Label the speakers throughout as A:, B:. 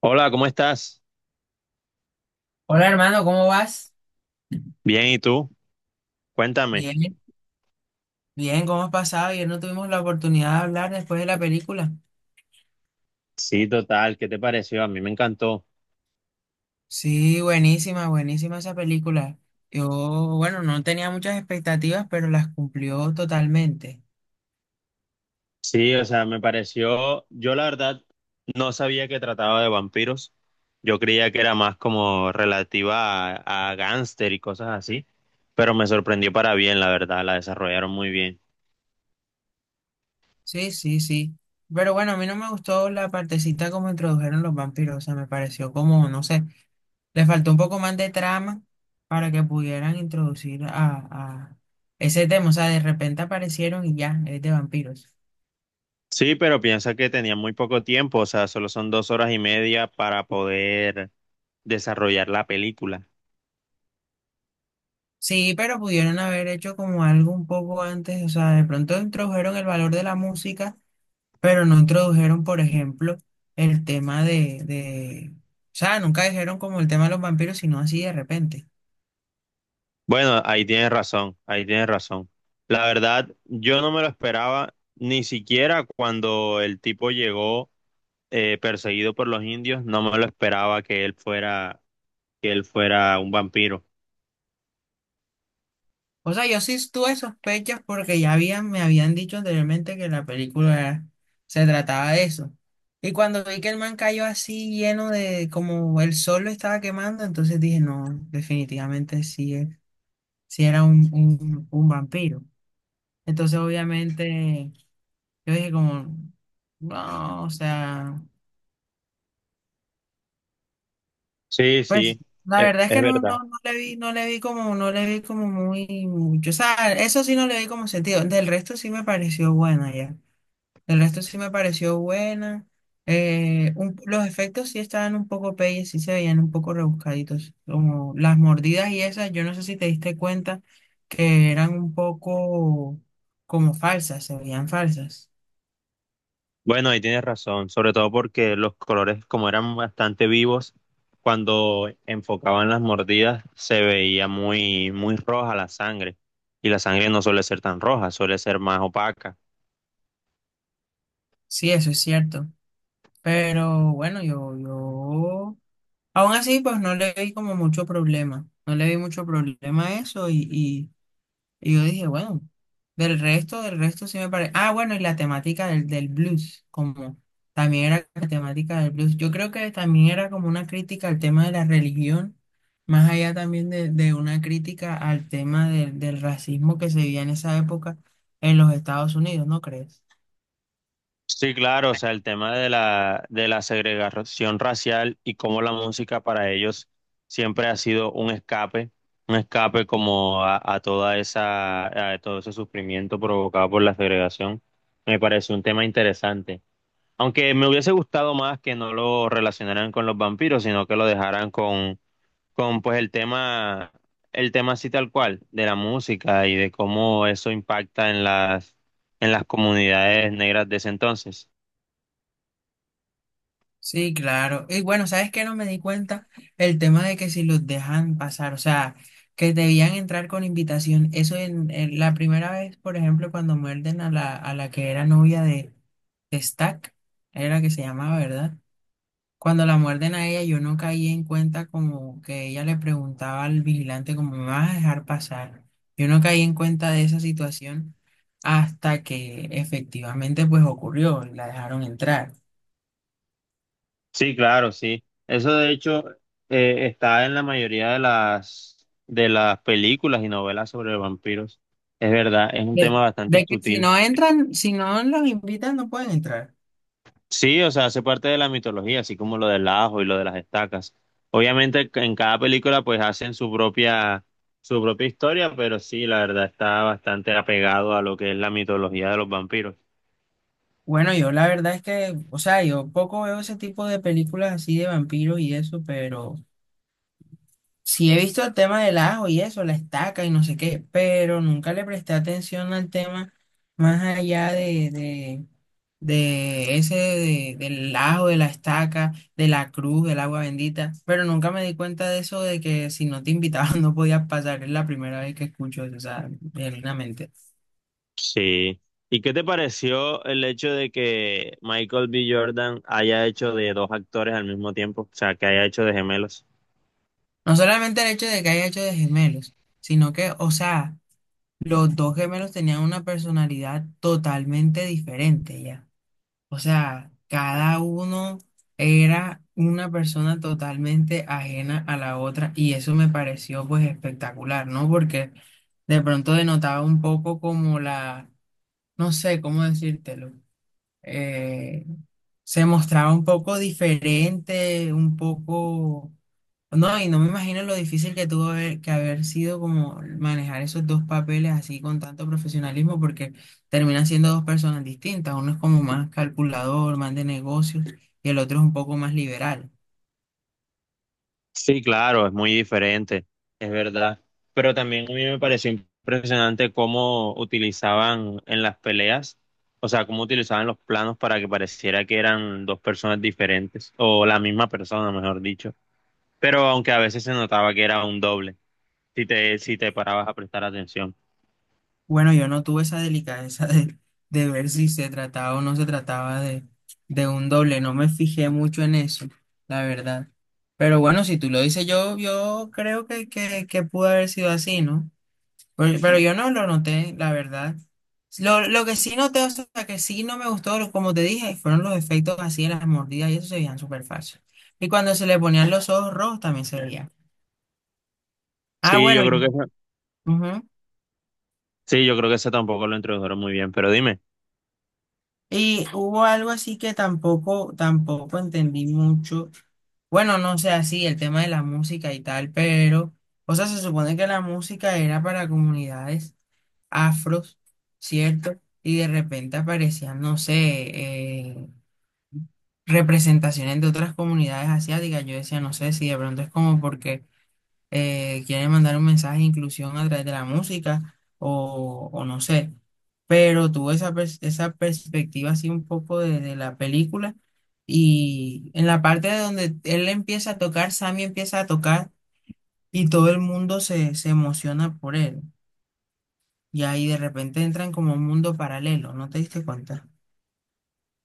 A: Hola, ¿cómo estás?
B: Hola hermano, ¿cómo vas?
A: Bien, ¿y tú? Cuéntame.
B: Bien, bien, ¿cómo has pasado? Ayer no tuvimos la oportunidad de hablar después de la película.
A: Sí, total, ¿qué te pareció? A mí me encantó.
B: Sí, buenísima, buenísima esa película. Yo, bueno, no tenía muchas expectativas, pero las cumplió totalmente.
A: Sí, o sea, me pareció, yo la verdad no sabía que trataba de vampiros. Yo creía que era más como relativa a gángster y cosas así, pero me sorprendió para bien, la verdad, la desarrollaron muy bien.
B: Sí, sí, sí. Pero bueno, a mí no me gustó la partecita como introdujeron los vampiros. O sea, me pareció como, no sé, le faltó un poco más de trama para que pudieran introducir a ese tema. O sea, de repente aparecieron y ya, es de vampiros.
A: Sí, pero piensa que tenía muy poco tiempo, o sea, solo son 2 horas y media para poder desarrollar la película.
B: Sí, pero pudieron haber hecho como algo un poco antes, o sea, de pronto introdujeron el valor de la música, pero no introdujeron, por ejemplo, el tema de, o sea, nunca dijeron como el tema de los vampiros, sino así de repente.
A: Bueno, ahí tienes razón, ahí tienes razón. La verdad, yo no me lo esperaba, ni siquiera cuando el tipo llegó perseguido por los indios, no me lo esperaba que él fuera, un vampiro.
B: O sea, yo sí tuve sospechas porque ya me habían dicho anteriormente que la película se trataba de eso. Y cuando vi que el man cayó así lleno de, como el sol lo estaba quemando, entonces dije, no, definitivamente sí, sí era un vampiro. Entonces, obviamente, yo dije como, no, o sea,
A: Sí,
B: pues
A: sí,
B: la verdad es
A: es
B: que no,
A: verdad.
B: no, no le vi, no le vi como, no le vi como muy mucho. O sea, eso sí no le vi como sentido. Del resto sí me pareció buena ya. Del resto sí me pareció buena. Los efectos sí estaban un poco peyes, sí se veían un poco rebuscaditos. Como las mordidas y esas, yo no sé si te diste cuenta que eran un poco como falsas, se veían falsas.
A: Bueno, ahí tienes razón, sobre todo porque los colores, como eran bastante vivos, cuando enfocaban las mordidas, se veía muy, muy roja la sangre. Y la sangre no suele ser tan roja, suele ser más opaca.
B: Sí, eso es cierto. Pero bueno, yo, aún así, pues no le vi como mucho problema. No le vi mucho problema a eso y yo dije, bueno, del resto sí me parece. Ah, bueno, y la temática del blues, como también era la temática del blues. Yo creo que también era como una crítica al tema de la religión, más allá también de una crítica al tema del racismo que se vivía en esa época en los Estados Unidos, ¿no crees?
A: Sí, claro, o sea, el tema de la segregación racial y cómo la música para ellos siempre ha sido un escape como a todo ese sufrimiento provocado por la segregación, me parece un tema interesante. Aunque me hubiese gustado más que no lo relacionaran con los vampiros, sino que lo dejaran con pues el tema, así tal cual, de la música y de cómo eso impacta en las comunidades negras de ese entonces.
B: Sí, claro. Y bueno, ¿sabes qué? No me di cuenta el tema de que si los dejan pasar, o sea, que debían entrar con invitación. Eso en la primera vez, por ejemplo, cuando muerden a la que era novia de Stack, era que se llamaba, ¿verdad? Cuando la muerden a ella, yo no caí en cuenta como que ella le preguntaba al vigilante como, ¿me vas a dejar pasar? Yo no caí en cuenta de esa situación hasta que efectivamente pues ocurrió, la dejaron entrar.
A: Sí, claro, sí. Eso de hecho está en la mayoría de las películas y novelas sobre vampiros. Es verdad, es un
B: De,
A: tema bastante
B: de que si
A: sutil.
B: no entran, si no los invitan, no pueden entrar.
A: Sí, o sea, hace parte de la mitología, así como lo del ajo y lo de las estacas. Obviamente en cada película pues hacen su propia historia, pero sí, la verdad está bastante apegado a lo que es la mitología de los vampiros.
B: Bueno, yo la verdad es que, o sea, yo poco veo ese tipo de películas así de vampiros y eso, pero sí he visto el tema del ajo y eso, la estaca y no sé qué, pero nunca le presté atención al tema más allá de ese, del ajo, de la estaca, de la cruz, del agua bendita, pero nunca me di cuenta de eso, de que si no te invitaban no podías pasar, es la primera vez que escucho eso, o sea, genuinamente.
A: Sí. ¿Y qué te pareció el hecho de que Michael B. Jordan haya hecho de dos actores al mismo tiempo? O sea, que haya hecho de gemelos.
B: No solamente el hecho de que haya hecho de gemelos, sino que, o sea, los dos gemelos tenían una personalidad totalmente diferente ya. O sea, cada uno era una persona totalmente ajena a la otra y eso me pareció pues espectacular, ¿no? Porque de pronto denotaba un poco no sé cómo decírtelo, eh, se mostraba un poco diferente, un poco no, y no me imagino lo difícil que que haber sido como manejar esos dos papeles así con tanto profesionalismo, porque terminan siendo dos personas distintas. Uno es como más calculador, más de negocios, y el otro es un poco más liberal.
A: Sí, claro, es muy diferente, es verdad. Pero también a mí me pareció impresionante cómo utilizaban en las peleas, o sea, cómo utilizaban los planos para que pareciera que eran dos personas diferentes, o la misma persona, mejor dicho. Pero aunque a veces se notaba que era un doble, si te parabas a prestar atención.
B: Bueno, yo no tuve esa delicadeza de, ver si se trataba o no se trataba de un doble. No me fijé mucho en eso, la verdad. Pero bueno, si tú lo dices, yo creo que pudo haber sido así, ¿no? Oye, pero yo no lo noté, la verdad. Lo que sí noté, o sea, que sí no me gustó, como te dije, fueron los efectos así de las mordidas y eso se veían súper fácil. Y cuando se le ponían los ojos rojos también se veía. Ah,
A: Sí,
B: bueno,
A: yo creo que
B: ujú.
A: Sí, yo creo que ese tampoco lo introdujeron muy bien, pero dime.
B: Y hubo algo así que tampoco entendí mucho. Bueno, no sé, así el tema de la música y tal, pero, o sea, se supone que la música era para comunidades afros, ¿cierto? Y de repente aparecían, no sé, representaciones de otras comunidades asiáticas. Yo decía, no sé si de pronto es como porque quieren mandar un mensaje de inclusión a través de la música o no sé. Pero tuve esa perspectiva así un poco de la película y en la parte de donde él empieza a tocar, Sammy empieza a tocar y todo el mundo se emociona por él. Y ahí de repente entran como un mundo paralelo, ¿no te diste cuenta?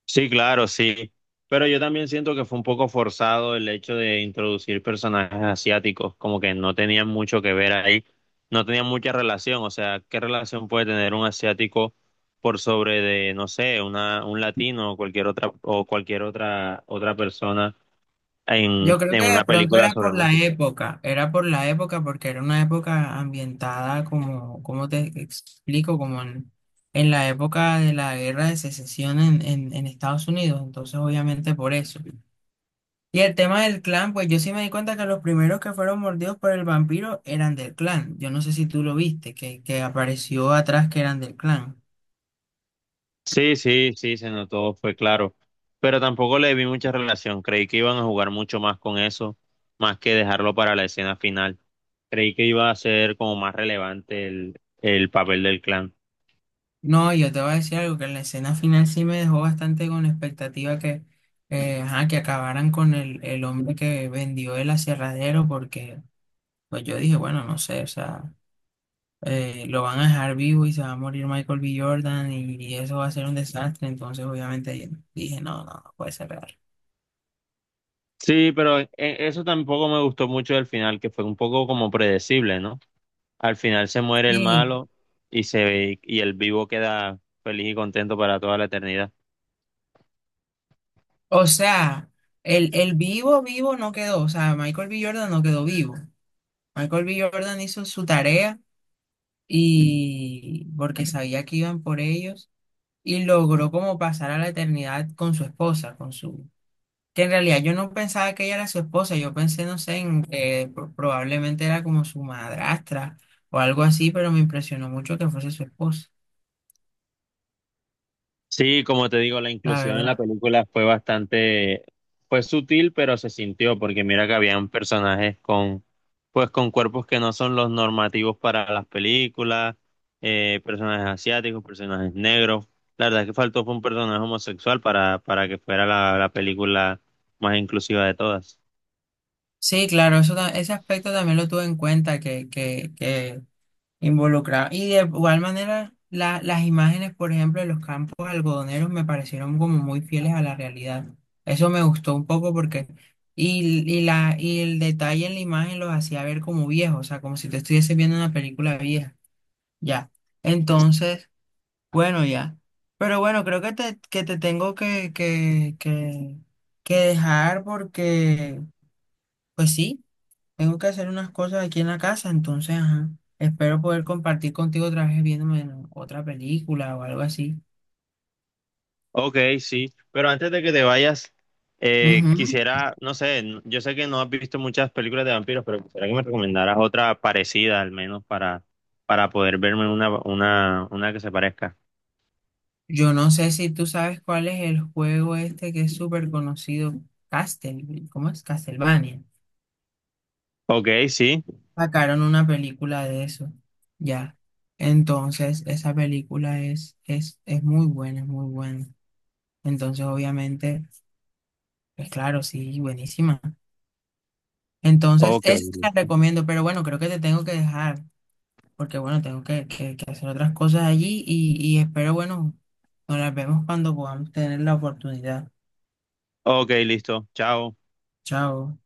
A: Sí, claro, sí. Pero yo también siento que fue un poco forzado el hecho de introducir personajes asiáticos, como que no tenían mucho que ver ahí, no tenían mucha relación. O sea, ¿qué relación puede tener un asiático por sobre de, no sé, un latino o cualquier otra, otra persona
B: Yo
A: en,
B: creo
A: en
B: que de
A: una
B: pronto
A: película
B: era
A: sobre
B: por la
A: música?
B: época, era por la época porque era una época ambientada como, cómo te explico, como en la época de la guerra de secesión en Estados Unidos, entonces obviamente por eso. Y el tema del clan, pues yo sí me di cuenta que los primeros que fueron mordidos por el vampiro eran del clan. Yo no sé si tú lo viste, que apareció atrás que eran del clan.
A: Sí, sí, sí, se notó, fue claro. Pero tampoco le vi mucha relación. Creí que iban a jugar mucho más con eso, más que dejarlo para la escena final. Creí que iba a ser como más relevante el papel del clan.
B: No, yo te voy a decir algo, que en la escena final sí me dejó bastante con expectativa ajá, que acabaran con el hombre que vendió el aserradero, porque pues yo dije, bueno, no sé, o sea, lo van a dejar vivo y se va a morir Michael B. Jordan y eso va a ser un desastre, entonces obviamente dije, no, no, no puede ser real.
A: Sí, pero eso tampoco me gustó mucho del final, que fue un poco como predecible, ¿no? Al final se muere el
B: sí
A: malo y se ve, y el vivo queda feliz y contento para toda la eternidad.
B: o sea, el vivo no quedó, o sea, Michael B. Jordan no quedó vivo. Michael B. Jordan hizo su tarea y porque sabía que iban por ellos. Y logró como pasar a la eternidad con su esposa, con su... Que en realidad yo no pensaba que ella era su esposa, yo pensé, no sé, en que probablemente era como su madrastra o algo así, pero me impresionó mucho que fuese su esposa,
A: Sí, como te digo, la
B: la
A: inclusión en la
B: verdad.
A: película fue bastante, fue sutil, pero se sintió, porque mira que habían personajes con, pues con cuerpos que no son los normativos para las películas, personajes asiáticos, personajes negros. La verdad es que faltó fue un personaje homosexual para que fuera la película más inclusiva de todas.
B: Sí, claro, eso, ese aspecto también lo tuve en cuenta, que involucrado. Y de igual manera, las imágenes, por ejemplo, de los campos algodoneros me parecieron como muy fieles a la realidad. Eso me gustó un poco porque, y el detalle en la imagen los hacía ver como viejos, o sea, como si te estuviese viendo una película vieja. Ya. Entonces, bueno, ya. Pero bueno, creo que te, tengo que dejar porque, pues sí. Tengo que hacer unas cosas aquí en la casa, entonces, ajá. Espero poder compartir contigo otra vez viéndome otra película o algo así.
A: Ok, sí, pero antes de que te vayas,
B: Ujú.
A: quisiera, no sé, yo sé que no has visto muchas películas de vampiros, pero quisiera que me recomendaras otra parecida al menos para poder verme una que se parezca.
B: Yo no sé si tú sabes cuál es el juego este que es súper conocido, Castle, ¿cómo es? Castlevania.
A: Ok, sí,
B: Sacaron una película de eso, ya. Entonces, esa película es muy buena, es muy buena. Entonces, obviamente, pues claro, sí, buenísima. Entonces,
A: ok,
B: esa te la recomiendo, pero bueno, creo que te tengo que dejar. Porque bueno, tengo que hacer otras cosas allí y espero, bueno, nos las vemos cuando podamos tener la oportunidad.
A: ok, listo, chao.
B: Chao.